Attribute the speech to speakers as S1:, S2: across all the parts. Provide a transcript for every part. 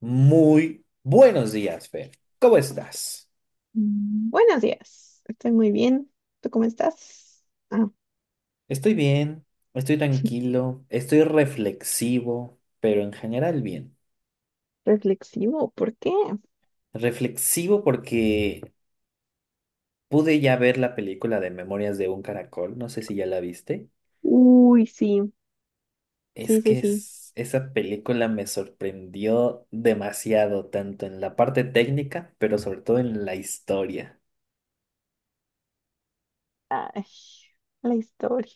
S1: Muy buenos días, Fer. ¿Cómo estás?
S2: Buenos días, estoy muy bien. ¿Tú cómo estás? Ah,
S1: Estoy bien, estoy tranquilo, estoy reflexivo, pero en general bien.
S2: Reflexivo, ¿por qué?
S1: Reflexivo porque pude ya ver la película de Memorias de un Caracol, no sé si ya la viste.
S2: Uy, sí,
S1: Es
S2: sí, sí,
S1: que
S2: sí.
S1: esa película me sorprendió demasiado, tanto en la parte técnica, pero sobre todo en la historia.
S2: Ay, la historia.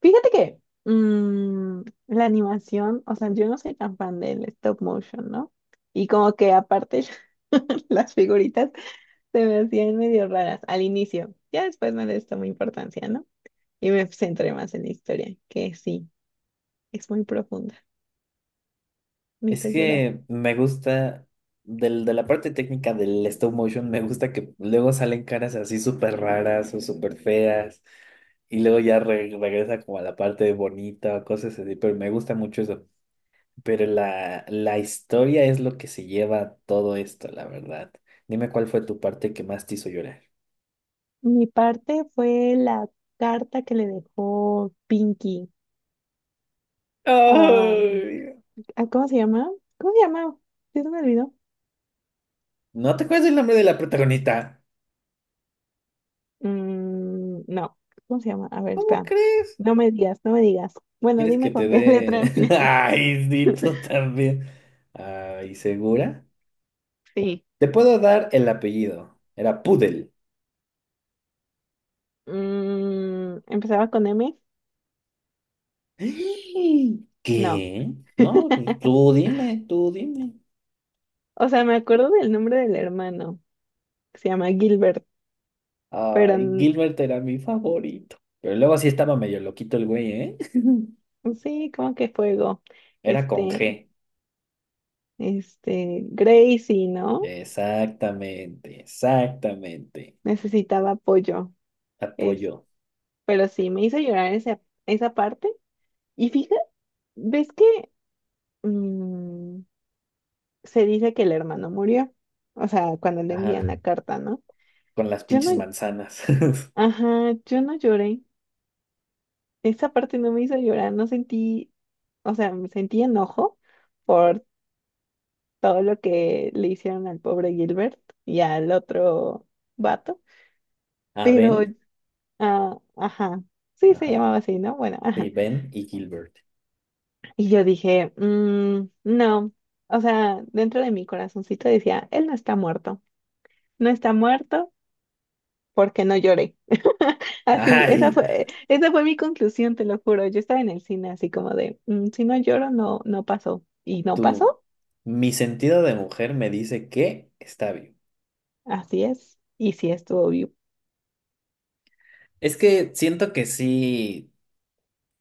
S2: Fíjate que mm, la animación, o sea, yo no soy tan fan del stop motion, ¿no? Y como que aparte las figuritas se me hacían medio raras al inicio. Ya después no les tomé importancia, ¿no? Y me centré más en la historia, que sí, es muy profunda. Me
S1: Es
S2: hizo llorar.
S1: que me gusta, de la parte técnica del stop motion, me gusta que luego salen caras así súper raras o súper feas y luego ya regresa como a la parte bonita o cosas así, pero me gusta mucho eso. Pero la historia es lo que se lleva todo esto, la verdad. Dime cuál fue tu parte que más te hizo llorar.
S2: Mi parte fue la carta que le dejó Pinky a,
S1: Ay,
S2: a ¿cómo se llama? ¿Cómo se llama? ¿Sí se me olvidó?
S1: ¿no te acuerdas el nombre de la protagonista?
S2: Mm, no, ¿cómo se llama? A ver,
S1: ¿Cómo
S2: espera.
S1: crees?
S2: No me digas, no me digas. Bueno,
S1: ¿Quieres que
S2: dime
S1: te
S2: con qué letra
S1: dé?
S2: empieza.
S1: Ay, sí, tú también. Ay, ¿segura?
S2: Sí.
S1: Te puedo dar el apellido. Era Pudel.
S2: Mm, ¿empezaba con M?
S1: ¡Ay!
S2: No.
S1: ¿Qué? No, tú dime, tú dime.
S2: O sea, me acuerdo del nombre del hermano, que se llama Gilbert, pero
S1: Ay, Gilbert era mi favorito. Pero luego sí estaba medio loquito el güey, ¿eh?
S2: sí, como que fuego.
S1: Era con
S2: Este,
S1: G.
S2: este, Gracie, ¿no?
S1: Exactamente, exactamente.
S2: Necesitaba apoyo. Es,
S1: Apoyo.
S2: pero sí, me hizo llorar esa, esa parte. Y fíjate, ¿ves que mm, se dice que el hermano murió? O sea, cuando le envían la
S1: Ajá.
S2: carta, ¿no?
S1: Con las
S2: Yo no,
S1: pinches manzanas.
S2: ajá, yo no lloré. Esa parte no me hizo llorar, no sentí, o sea, me sentí enojo por todo lo que le hicieron al pobre Gilbert y al otro vato,
S1: Ah,
S2: pero,
S1: Ben.
S2: ah, ajá, sí se
S1: Ajá.
S2: llamaba así, ¿no? Bueno,
S1: Sí,
S2: ajá.
S1: Ben y Gilbert.
S2: Y yo dije, "Mm, no, o sea, dentro de mi corazoncito decía, él no está muerto, no está muerto porque no lloré". Así,
S1: Ay,
S2: esa fue mi conclusión, te lo juro. Yo estaba en el cine así como de, "Mm, si no lloro, no, no pasó". Y no
S1: tú.
S2: pasó,
S1: Mi sentido de mujer me dice que está bien.
S2: así es, y sí estuvo vivo.
S1: Es que siento que sí,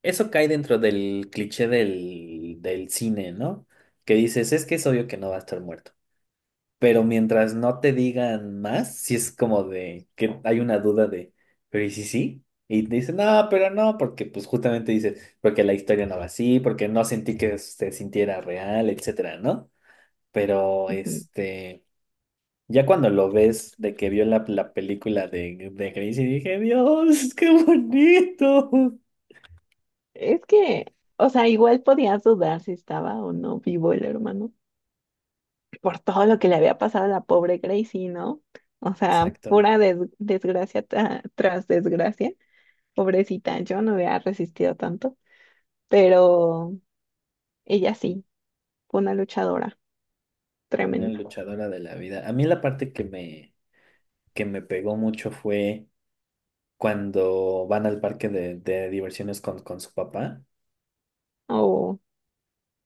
S1: eso cae dentro del cliché del cine, ¿no? Que dices, es que es obvio que no va a estar muerto. Pero mientras no te digan más, si es como de que hay una duda de, pero ¿y si sí? Y te dicen, no, pero no, porque pues justamente dices, porque la historia no va así, porque no sentí que se sintiera real, etcétera, ¿no? Pero
S2: Ujú.
S1: este. Ya cuando lo ves de que vio la película de Grace y dije, Dios, qué bonito.
S2: Es que, o sea, igual podías dudar si estaba o no vivo el hermano, por todo lo que le había pasado a la pobre Gracie, ¿no? O sea,
S1: Exacto,
S2: pura desgracia tras desgracia. Pobrecita, yo no había resistido tanto, pero ella sí, fue una luchadora
S1: una
S2: tremenda.
S1: luchadora de la vida. A mí la parte que me pegó mucho fue cuando van al parque de diversiones con su papá,
S2: Oh,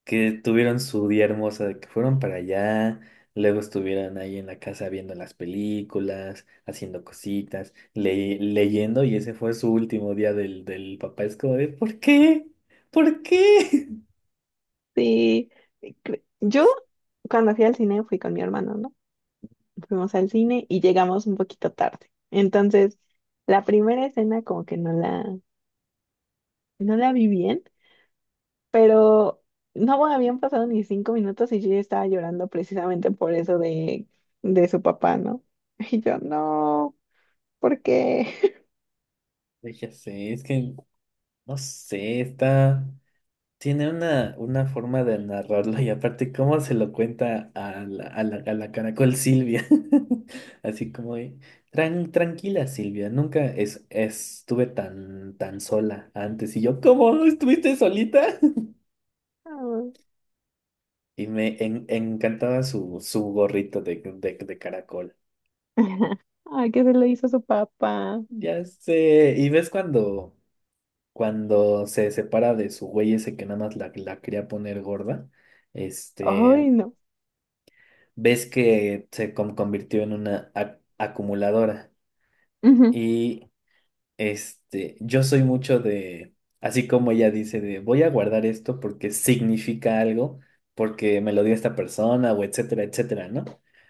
S1: que tuvieron su día hermosa, de que fueron para allá, luego estuvieron ahí en la casa viendo las películas, haciendo cositas, leyendo, y ese fue su último día del papá. Es como de, ¿por qué? ¿Por qué?
S2: sí. Yo, cuando fui al cine, fui con mi hermano, ¿no? Fuimos al cine y llegamos un poquito tarde. Entonces, la primera escena como que no la, no la vi bien. Pero no, bueno, habían pasado ni 5 minutos y yo ya estaba llorando precisamente por eso de su papá, ¿no? Y yo, no, ¿por qué?
S1: Ya sé, es que no sé, está. Tiene una forma de narrarlo y aparte, ¿cómo se lo cuenta a a la caracol Silvia? Así como, de, tranquila Silvia, nunca es, estuve tan, tan sola antes". Y yo, ¿cómo? ¿Estuviste solita?
S2: Ay,
S1: Y me encantaba su gorrito de caracol.
S2: ay, ¿qué se le hizo a su papá?
S1: Ya sé, y ves cuando cuando se separa de su güey ese que nada más la quería poner gorda, este,
S2: Ay, no.
S1: ves que se convirtió en una acumuladora.
S2: Ujú,
S1: Y este, yo soy mucho de, así como ella dice, de voy a guardar esto porque significa algo, porque me lo dio esta persona o etcétera, etcétera, ¿no?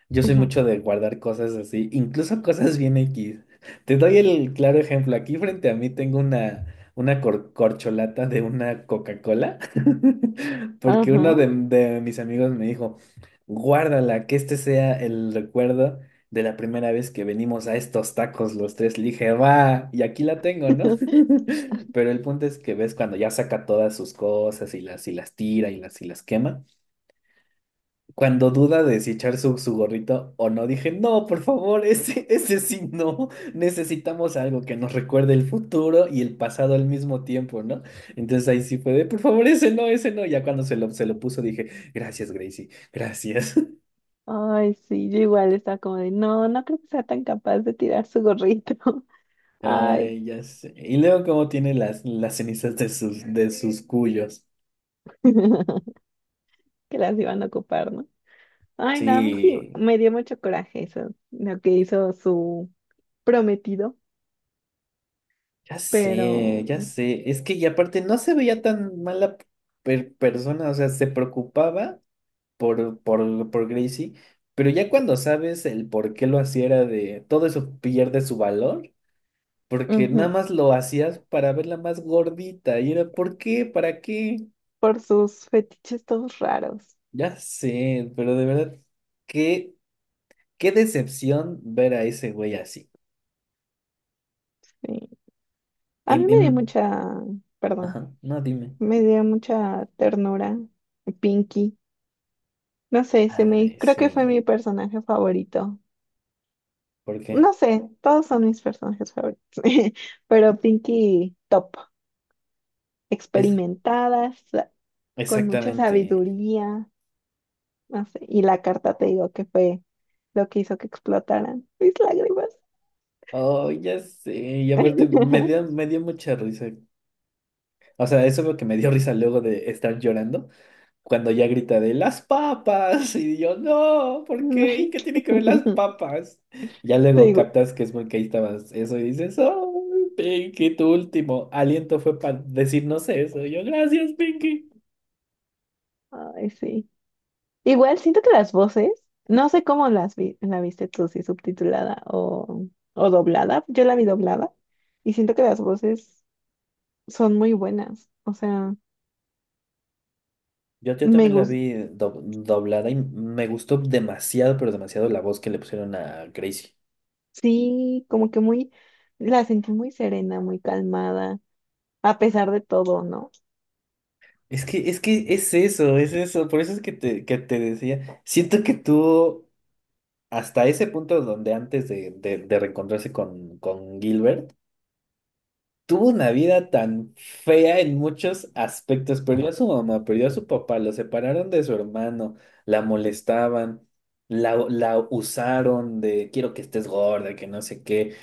S1: Yo soy
S2: ujú.
S1: mucho de guardar cosas así, incluso cosas bien X. Te doy el claro ejemplo. Aquí frente a mí tengo una corcholata de una Coca-Cola, porque uno
S2: Ajá.
S1: de mis amigos me dijo, guárdala, que este sea el recuerdo de la primera vez que venimos a estos tacos los tres, le dije, va, y aquí la tengo, ¿no? Pero el punto es que ves cuando ya saca todas sus cosas y las tira y las quema, cuando duda de si echar su gorrito o no, dije, no, por favor, ese sí no, necesitamos algo que nos recuerde el futuro y el pasado al mismo tiempo, ¿no? Entonces ahí sí fue de, por favor, ese no, ya cuando se lo puso dije, gracias, Gracie, gracias.
S2: Ay, sí, yo igual estaba como de, no, no creo que sea tan capaz de tirar su gorrito. Ay,
S1: Ay, ya sé. Y luego cómo tiene las cenizas de de sus cuyos.
S2: que las iban a ocupar, ¿no? Ay, no, a mí sí
S1: Sí,
S2: me dio mucho coraje eso, lo que hizo su prometido.
S1: ya sé,
S2: Pero
S1: ya sé. Es que y aparte no se veía tan mala persona, o sea, se preocupaba por, por Gracie, pero ya cuando sabes el por qué lo hacía era de todo eso pierde su valor, porque nada
S2: ujú,
S1: más lo hacías para verla más gordita y era ¿por qué? ¿Para qué?
S2: por sus fetiches todos raros.
S1: Ya sé, pero de verdad, qué, qué decepción ver a ese güey así.
S2: Sí. A mí
S1: Im-
S2: me dio
S1: im-
S2: mucha, perdón,
S1: Ajá, no, dime.
S2: me dio mucha ternura Pinky. No sé, se me,
S1: Ay,
S2: creo que fue
S1: sí.
S2: mi personaje favorito.
S1: ¿Por
S2: No
S1: qué?
S2: sé, todos son mis personajes favoritos, pero Pinky top,
S1: Es
S2: experimentada, con mucha
S1: exactamente.
S2: sabiduría, no sé, y la carta te digo que fue lo que hizo que explotaran mis lágrimas.
S1: Oh, ya sé. Y aparte, me dio mucha risa. O sea, eso es lo que me dio risa luego de estar llorando. Cuando ya grita de las papas. Y yo, no, ¿por qué? ¿Y qué tiene que ver las papas? Ya luego
S2: Sí.
S1: captas que es porque ahí estabas eso y dices, oh, Pinky, tu último aliento fue para decirnos eso. Y yo, gracias, Pinky.
S2: Ay, sí. Igual siento que las voces, no sé cómo las vi, la viste tú, si subtitulada o doblada. Yo la vi doblada y siento que las voces son muy buenas. O sea,
S1: Yo
S2: me
S1: también la
S2: gustó.
S1: vi doblada y me gustó demasiado, pero demasiado la voz que le pusieron a Gracie.
S2: Sí, como que muy, la sentí muy serena, muy calmada, a pesar de todo, ¿no?
S1: Es que es eso, es eso. Por eso es que que te decía. Siento que tuvo hasta ese punto donde antes de reencontrarse con Gilbert, tuvo una vida tan fea en muchos aspectos. Perdió a su mamá, perdió a su papá, lo separaron de su hermano, la molestaban, la usaron de quiero que estés gorda, que no sé qué.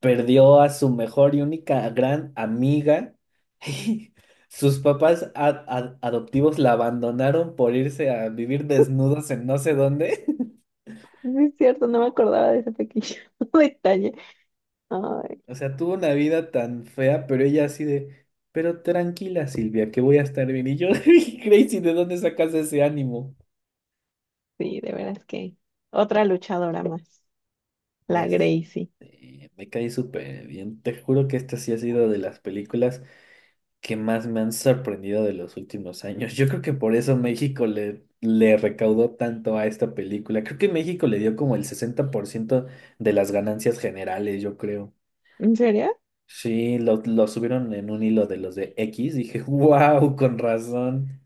S1: Perdió a su mejor y única gran amiga. Y sus papás adoptivos la abandonaron por irse a vivir desnudos en no sé dónde.
S2: Sí, es cierto, no me acordaba de ese pequeño detalle. Ay,
S1: O sea, tuvo una vida tan fea, pero ella así de, pero tranquila, Silvia, que voy a estar bien. Y yo, Crazy, ¿de dónde sacas ese ánimo?
S2: sí, de veras que otra luchadora más, la
S1: Ya
S2: Gracie.
S1: sé, me caí súper bien. Te juro que esta sí ha sido de las películas que más me han sorprendido de los últimos años. Yo creo que por eso México le recaudó tanto a esta película. Creo que México le dio como el 60% de las ganancias generales, yo creo.
S2: ¿En serio?
S1: Sí, lo subieron en un hilo de los de X. Dije, wow, con razón.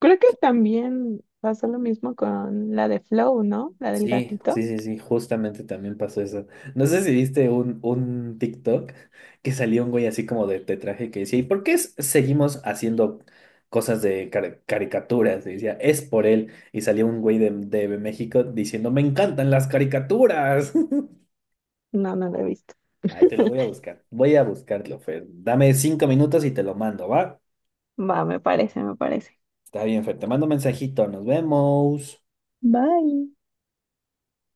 S2: Creo que también pasó lo mismo con la de Flow, ¿no? La del
S1: Sí, sí,
S2: gatito.
S1: sí, sí, justamente también pasó eso. No sé si viste un TikTok que salió un güey así como de traje que decía, ¿y por qué seguimos haciendo cosas de caricaturas? Y decía, es por él. Y salió un güey de México diciendo, me encantan las caricaturas.
S2: No, no la he visto.
S1: Ahí te lo voy a buscar. Voy a buscarlo, Fer. Dame 5 minutos y te lo mando, ¿va?
S2: Va, me parece, me parece.
S1: Está bien, Fer. Te mando un mensajito. Nos vemos.
S2: Bye.